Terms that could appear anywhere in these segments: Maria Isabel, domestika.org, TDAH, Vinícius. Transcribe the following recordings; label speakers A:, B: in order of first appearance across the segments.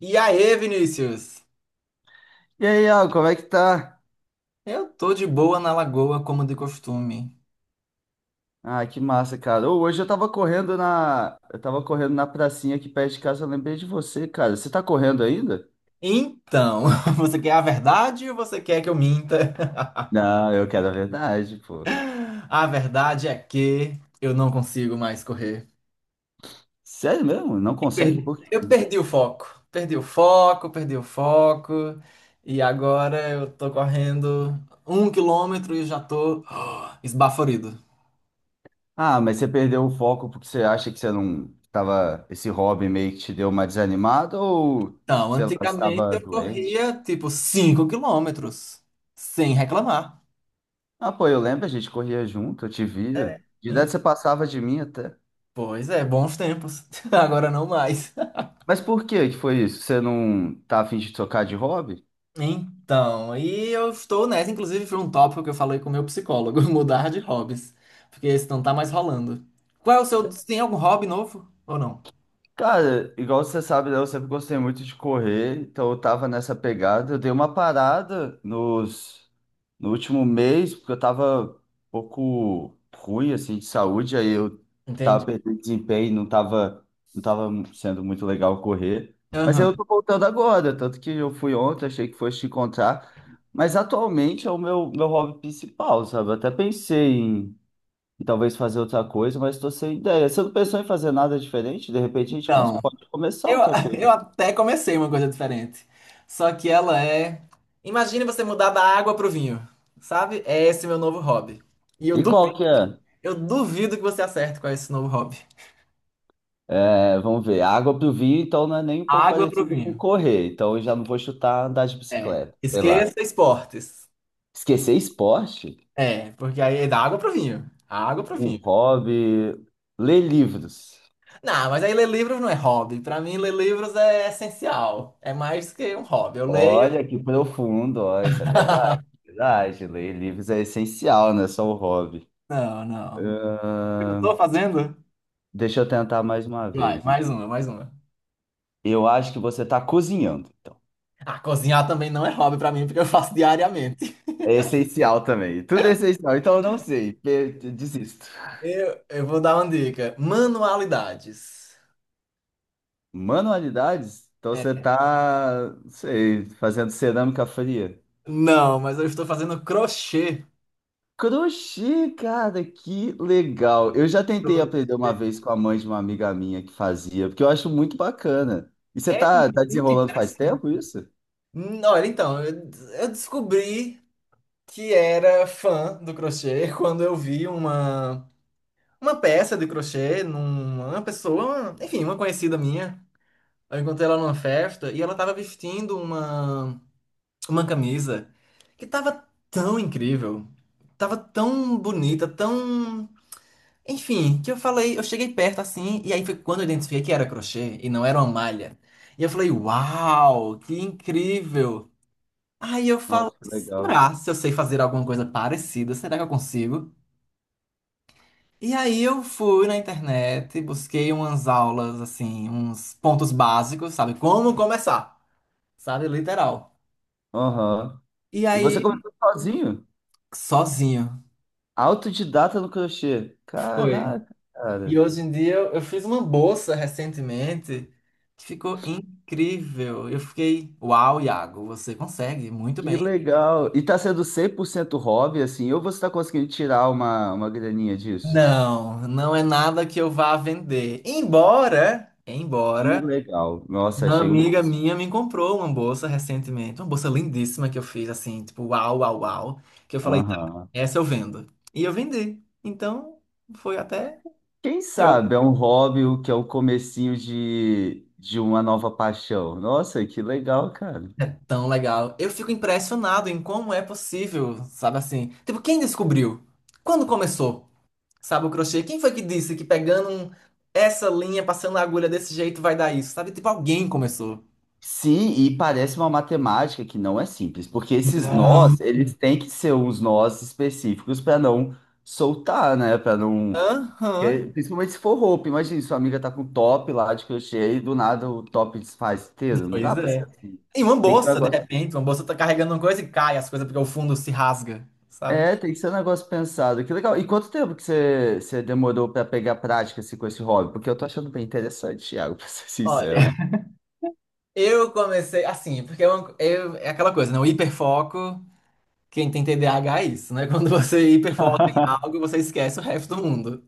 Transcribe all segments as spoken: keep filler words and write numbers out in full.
A: E aí, Vinícius?
B: E aí, Al, como é que tá?
A: Eu tô de boa na lagoa, como de costume.
B: Ah, que massa, cara. Ô, hoje eu tava correndo na. Eu tava correndo na pracinha aqui perto de casa, eu lembrei de você, cara. Você tá correndo ainda?
A: Então, você quer a verdade ou você quer que eu minta?
B: Não, eu quero a verdade, pô.
A: A verdade é que eu não consigo mais correr.
B: Sério mesmo? Não
A: Eu
B: consegue?
A: perdi,
B: Por quê?
A: eu perdi o foco. Perdi o foco, perdi o foco. E agora eu tô correndo um quilômetro e já tô esbaforido.
B: Ah, mas você perdeu o foco porque você acha que você não tava. Esse hobby meio que te deu uma desanimada ou,
A: Então,
B: sei lá, você
A: antigamente
B: tava
A: eu
B: doente?
A: corria tipo cinco quilômetros, sem reclamar.
B: Ah, pô, eu lembro, a gente corria junto, eu te via. De idade você passava de mim até.
A: Pois é, bons tempos. Agora não mais.
B: Mas por que que foi isso? Você não tá afim de trocar de hobby?
A: Então, e eu estou nessa, inclusive foi um tópico que eu falei com o meu psicólogo, mudar de hobbies, porque esse não tá mais rolando. Qual é o seu, tem algum hobby novo ou não?
B: Cara, igual você sabe, né, eu sempre gostei muito de correr, então eu tava nessa pegada. Eu dei uma parada nos, no último mês, porque eu tava um pouco ruim, assim, de saúde, aí eu tava
A: Entende?
B: perdendo desempenho, não tava, não tava sendo muito legal correr. Mas aí
A: Aham.
B: eu tô voltando agora, tanto que eu fui ontem, achei que fosse te encontrar. Mas atualmente é o meu, meu hobby principal, sabe? Eu até pensei e talvez fazer outra coisa, mas estou sem ideia. Você não pensou em fazer nada diferente? De repente a gente cons-
A: Então,
B: pode começar
A: eu,
B: outra coisa.
A: eu até comecei uma coisa diferente. Só que ela é, imagine você mudar da água pro vinho, sabe? É esse meu novo hobby. E eu
B: E
A: duvido,
B: qual que é?
A: eu duvido que você acerte com esse novo hobby.
B: É, vamos ver. A água pro vinho, então não é nem um pouco
A: Água pro
B: parecido com
A: vinho.
B: correr. Então eu já não vou chutar andar de
A: É.
B: bicicleta, sei lá.
A: Esqueça esportes.
B: Esquecer esporte?
A: É, porque aí é da água pro vinho. A água pro
B: Um
A: vinho.
B: hobby. Ler livros.
A: Não, mas aí ler livros não é hobby. Pra mim, ler livros é essencial. É mais que um hobby. Eu leio.
B: Olha que profundo, olha, isso é verdade. Verdade, ler livros é essencial, não é só um hobby.
A: Não, não. Eu não tô
B: Ahn,
A: fazendo?
B: Deixa eu tentar mais uma
A: Vai,
B: vez.
A: mais uma, mais uma.
B: Eu acho que você está cozinhando. Então.
A: Ah, cozinhar também não é hobby pra mim, porque eu faço diariamente.
B: É essencial também. Tudo é essencial. Então eu não sei. pe- Desisto.
A: Eu, eu vou dar uma dica. Manualidades.
B: Manualidades? Então você
A: É,
B: tá, não sei, fazendo cerâmica fria.
A: não, mas eu estou fazendo crochê.
B: Crochê, cara, que legal. Eu já tentei aprender
A: Crochê.
B: uma vez com a mãe de uma amiga minha que fazia, porque eu acho muito bacana. E você
A: É
B: tá, tá
A: muito
B: desenrolando faz tempo
A: interessante.
B: isso?
A: Hum, Olha, então, eu, eu descobri que era fã do crochê quando eu vi uma, uma peça de crochê numa pessoa, enfim, uma conhecida minha. Eu encontrei ela numa festa e ela estava vestindo uma, uma camisa que estava tão incrível, estava tão bonita, tão. Enfim, que eu falei, eu cheguei perto assim, e aí foi quando eu identifiquei que era crochê e não era uma malha. E eu falei, uau, que incrível! Aí eu falo,
B: Nossa, que legal.
A: será se eu sei fazer alguma coisa parecida? Será que eu consigo? E aí eu fui na internet, busquei umas aulas, assim, uns pontos básicos, sabe? Como começar, sabe? Literal.
B: Aham.
A: E
B: E você
A: aí,
B: começou sozinho?
A: sozinho.
B: Autodidata no crochê.
A: Foi.
B: Caraca,
A: E
B: cara.
A: hoje em dia eu eu fiz uma bolsa recentemente que ficou incrível. Eu fiquei, uau, Iago, você consegue muito
B: Que
A: bem.
B: legal. E tá sendo cem por cento hobby, assim, ou você tá conseguindo tirar uma, uma graninha disso?
A: Não, não é nada que eu vá vender. Embora,
B: Que
A: embora
B: legal. Nossa,
A: uma
B: achei o
A: amiga
B: máximo.
A: minha me comprou uma bolsa recentemente, uma bolsa lindíssima que eu fiz assim, tipo, uau, uau, uau, que eu falei, tá,
B: Aham.
A: essa eu vendo. E eu vendi. Então, foi até
B: Quem
A: melhor.
B: sabe é um hobby o que é o comecinho de, de uma nova paixão. Nossa, que legal, cara.
A: É tão legal. Eu fico impressionado em como é possível, sabe assim? Tipo, quem descobriu? Quando começou? Sabe o crochê? Quem foi que disse que pegando um- essa linha, passando a agulha desse jeito vai dar isso? Sabe? Tipo, alguém começou.
B: Sim, e parece uma matemática que não é simples, porque esses
A: Não.
B: nós, eles têm que ser uns nós específicos para não soltar, né? Para não.
A: Aham.
B: Porque, principalmente se for roupa, imagina, sua amiga tá com top lá de crochê e do nada o top desfaz inteiro. Não dá
A: Pois
B: pra ser
A: é.
B: assim.
A: E uma
B: Tem que ser um
A: bolsa, de
B: negócio.
A: repente, uma bolsa tá carregando uma coisa e cai as coisas porque o fundo se rasga, sabe?
B: É, tem que ser um negócio pensado. Que legal. E quanto tempo que você, você demorou pra pegar prática assim, com esse hobby? Porque eu tô achando bem interessante, Thiago, pra ser
A: Olha,
B: sincero.
A: eu comecei assim, porque é, uma- eu- é aquela coisa, né? O hiperfoco, quem tem T D A H é isso, né? Quando você hiperfoca em algo, você esquece o resto do mundo.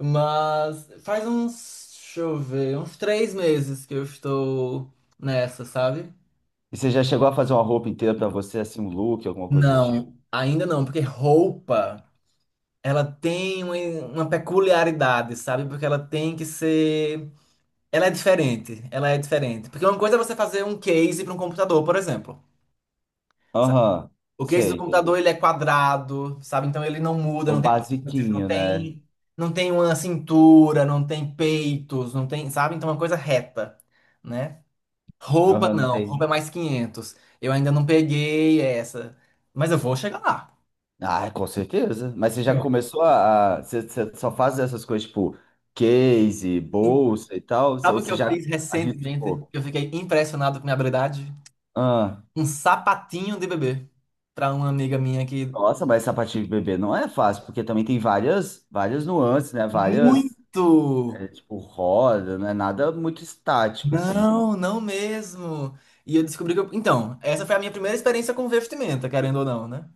A: Mas faz uns, deixa eu ver, uns três meses que eu estou nessa, sabe?
B: E você já chegou a fazer uma roupa inteira pra você, assim, um look, alguma coisa do tipo?
A: Não, ainda não, porque roupa, ela tem uma, uma peculiaridade, sabe? Porque ela tem que ser Ela é diferente, ela é diferente. Porque uma coisa é você fazer um case para um computador, por exemplo, sabe?
B: Aham,
A: O case do
B: sei,
A: computador,
B: entendi.
A: ele é quadrado, sabe? Então ele não muda,
B: É o
A: não tem curvas, não
B: basiquinho, né?
A: tem, não tem uma cintura, não tem peitos, não tem, sabe? Então é uma coisa reta, né? Roupa
B: Aham, não
A: não,
B: tem.
A: roupa é mais quinhentos. Eu ainda não peguei essa, mas eu vou chegar lá.
B: Ah, com certeza. Mas você já começou a. a- Você, você só faz essas coisas tipo case,
A: E
B: bolsa e tal? Ou
A: sabe o que
B: você
A: eu
B: já
A: fiz recentemente?
B: arriscou?
A: que Eu fiquei impressionado com minha habilidade.
B: Ah,
A: Um sapatinho de bebê para uma amiga minha que.
B: nossa, mas sapatilha de bebê não é fácil, porque também tem várias, várias nuances, né? Várias,
A: Muito!
B: é, tipo, roda, não é nada muito estático, assim.
A: Não, não mesmo. E eu descobri que eu... Então, essa foi a minha primeira experiência com vestimenta, querendo ou não, né?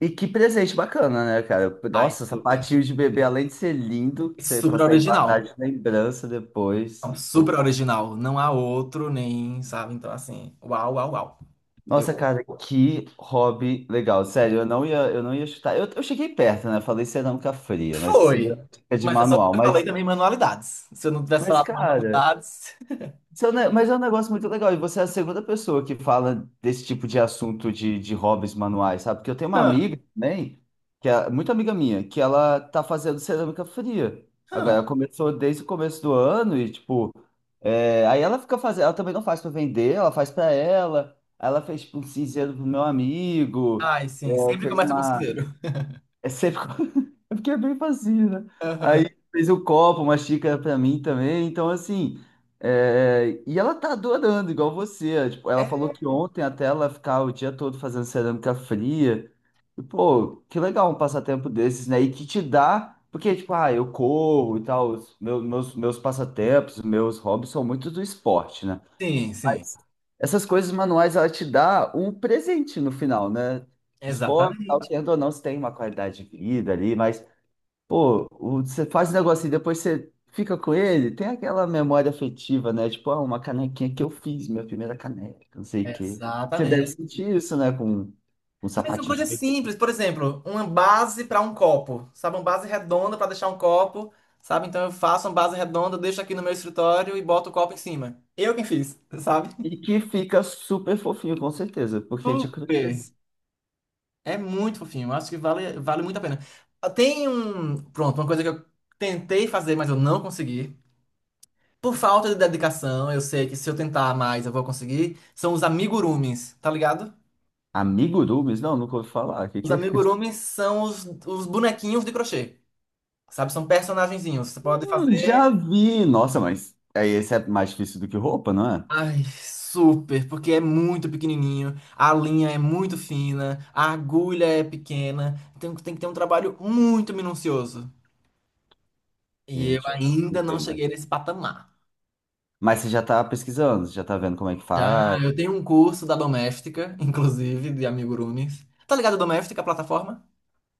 B: E que presente bacana, né, cara?
A: Ai,
B: Nossa,
A: super,
B: sapatinho de bebê, além de ser lindo, você
A: super
B: consegue
A: original.
B: guardar de lembrança
A: Não,
B: depois.
A: super original. Não há outro, nem, sabe? Então, assim, uau, uau, uau. Eu...
B: Nossa, cara, que hobby legal. Sério, eu não ia, eu não ia chutar. Eu, eu cheguei perto, né? Falei cerâmica fria, mas isso
A: Foi!
B: é de
A: Mas é só
B: manual.
A: porque eu falei
B: Mas,
A: também manualidades. Se eu não tivesse
B: mas,
A: falado
B: cara,
A: manualidades.
B: isso é um ne- Mas é um negócio muito legal, e você é a segunda pessoa que fala desse tipo de assunto de, de hobbies manuais, sabe? Porque eu tenho uma
A: Ah,
B: amiga também, que é muito amiga minha, que ela tá fazendo cerâmica fria.
A: ah.
B: Agora, ela começou desde o começo do ano e, tipo, é, aí ela fica fazendo, ela também não faz para vender, ela faz para ela. Aí ela fez, tipo, um cinzeiro pro meu amigo,
A: Ai,
B: é,
A: sim, sempre
B: fez
A: começa com
B: uma,
A: cinzeiro.
B: é sempre. É porque é bem facinho, né?
A: Aham.
B: Aí fez o copo, uma xícara pra mim também. Então, assim. É, e ela tá adorando, igual você. É, tipo, ela
A: É,
B: falou que ontem até ela ficar o dia todo fazendo cerâmica fria. E, pô, que legal um passatempo desses, né? E que te dá. Porque, tipo, ah, eu corro e tal. Os Meus, meus, meus passatempos, meus hobbies são muito do esporte, né?
A: sim, sim.
B: Mas essas coisas manuais, ela te dá um presente no final, né? Esporte, tal,
A: Exatamente.
B: querendo ou não, você tem uma qualidade de vida ali, mas, pô, o- você faz um negocinho e depois você fica com ele, tem aquela memória afetiva, né? Tipo, ah, uma canequinha que eu fiz, minha primeira caneca, não sei o quê. Você deve
A: Exatamente.
B: sentir isso, né? Com um
A: Mas são
B: sapatinho. De
A: coisas
B: bebê.
A: simples, por exemplo, uma base para um copo, sabe? Uma base redonda para deixar um copo, sabe? Então eu faço uma base redonda, deixo aqui no meu escritório e boto o copo em cima. Eu quem fiz, sabe?
B: E que fica super fofinho, com certeza, porque de
A: Super!
B: crochês.
A: É muito fofinho, eu acho que vale, vale muito a pena. Ah, tem um. Pronto, uma coisa que eu tentei fazer, mas eu não consegui. Por falta de dedicação, eu sei que se eu tentar mais eu vou conseguir. São os amigurumis, tá ligado?
B: Amigurumis? Não, nunca ouvi falar. Que
A: Os
B: que... é?
A: amigurumis são os, os bonequinhos de crochê, sabe? São personagenzinhos. Você pode
B: Hum,
A: fazer.
B: já vi! Nossa, mas aí esse é mais difícil do que roupa, não é?
A: Ai, super, porque é muito pequenininho, a linha é muito fina, a agulha é pequena, tem, tem que ter um trabalho muito minucioso. E eu
B: Gente, eu não
A: ainda não
B: sei, mas...
A: cheguei nesse patamar.
B: Mas você já tá pesquisando, você já tá vendo como é que
A: Já
B: faz?
A: eu tenho um curso da Doméstica, inclusive, de amigurumis. Tá ligado a Doméstica, a plataforma?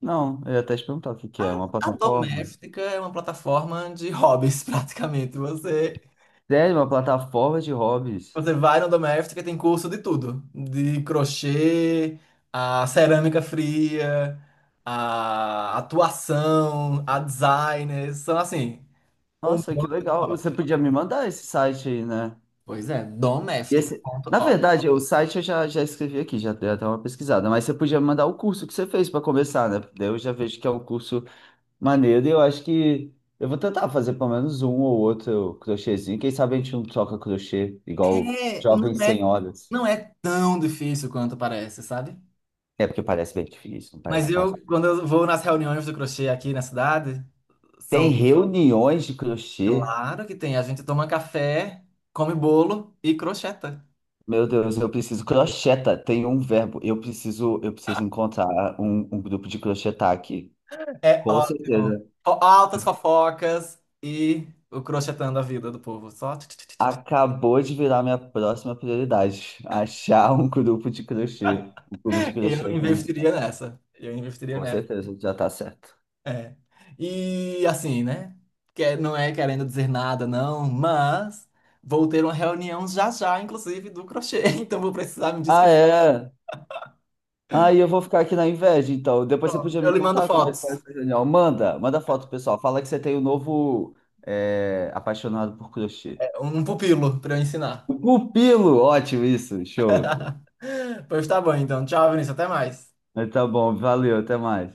B: Não, eu ia até te perguntar o que que é, uma
A: A
B: plataforma.
A: Doméstica é uma plataforma de hobbies, praticamente. Você
B: Sério, uma plataforma de hobbies.
A: Você vai no Domestika, e tem curso de tudo. De crochê, a cerâmica fria, a atuação, a designer. São assim, um
B: Nossa, que
A: monte de
B: legal.
A: obras.
B: Você podia me mandar esse site aí, né?
A: Pois é,
B: E
A: Doméstica
B: esse... Na
A: domestika ponto org.
B: verdade, o site eu já, já escrevi aqui, já dei até uma pesquisada, mas você podia me mandar o curso que você fez para começar, né? Daí eu já vejo que é um curso maneiro e eu acho que eu vou tentar fazer pelo menos um ou outro crochêzinho. Quem sabe a gente não troca crochê igual
A: É, não
B: jovens
A: é,
B: senhoras.
A: não é tão difícil quanto parece, sabe?
B: É porque parece bem difícil, não
A: Mas
B: parece
A: eu,
B: fácil.
A: quando eu vou nas reuniões do crochê aqui na cidade,
B: Tem
A: são,
B: reuniões de crochê.
A: claro que tem, a gente toma café, come bolo e crocheta.
B: Meu Deus, eu preciso. Crocheta, tem um verbo. Eu preciso, eu preciso encontrar um, um grupo de crochetar aqui.
A: É
B: Com
A: ótimo.
B: certeza.
A: Fo- Altas fofocas e o crochetando a vida do povo. Só. Tch, tch, tch, tch, tch.
B: Acabou de virar minha próxima prioridade. Achar um grupo de crochê. Um clube de crochê.
A: Eu
B: Aqui na minha
A: investiria
B: cidade.
A: nessa. Eu investiria
B: Com
A: nessa.
B: certeza, já tá certo.
A: É. E assim, né? Que é, não é querendo dizer nada, não, mas vou ter uma reunião já já, inclusive, do crochê. Então vou precisar me
B: Ah,
A: despedir.
B: é. Aí eu vou ficar aqui na inveja, então. Depois você podia
A: Eu
B: me
A: lhe mando
B: contar como é que foi
A: fotos.
B: essa reunião. Manda, manda foto, pessoal. Fala que você tem o um novo é, apaixonado por crochê.
A: É, um pupilo para eu ensinar.
B: O pupilo! Ótimo isso, show.
A: Pois tá bom, então. Tchau, Vinícius. Até mais.
B: Mas tá bom, valeu, até mais.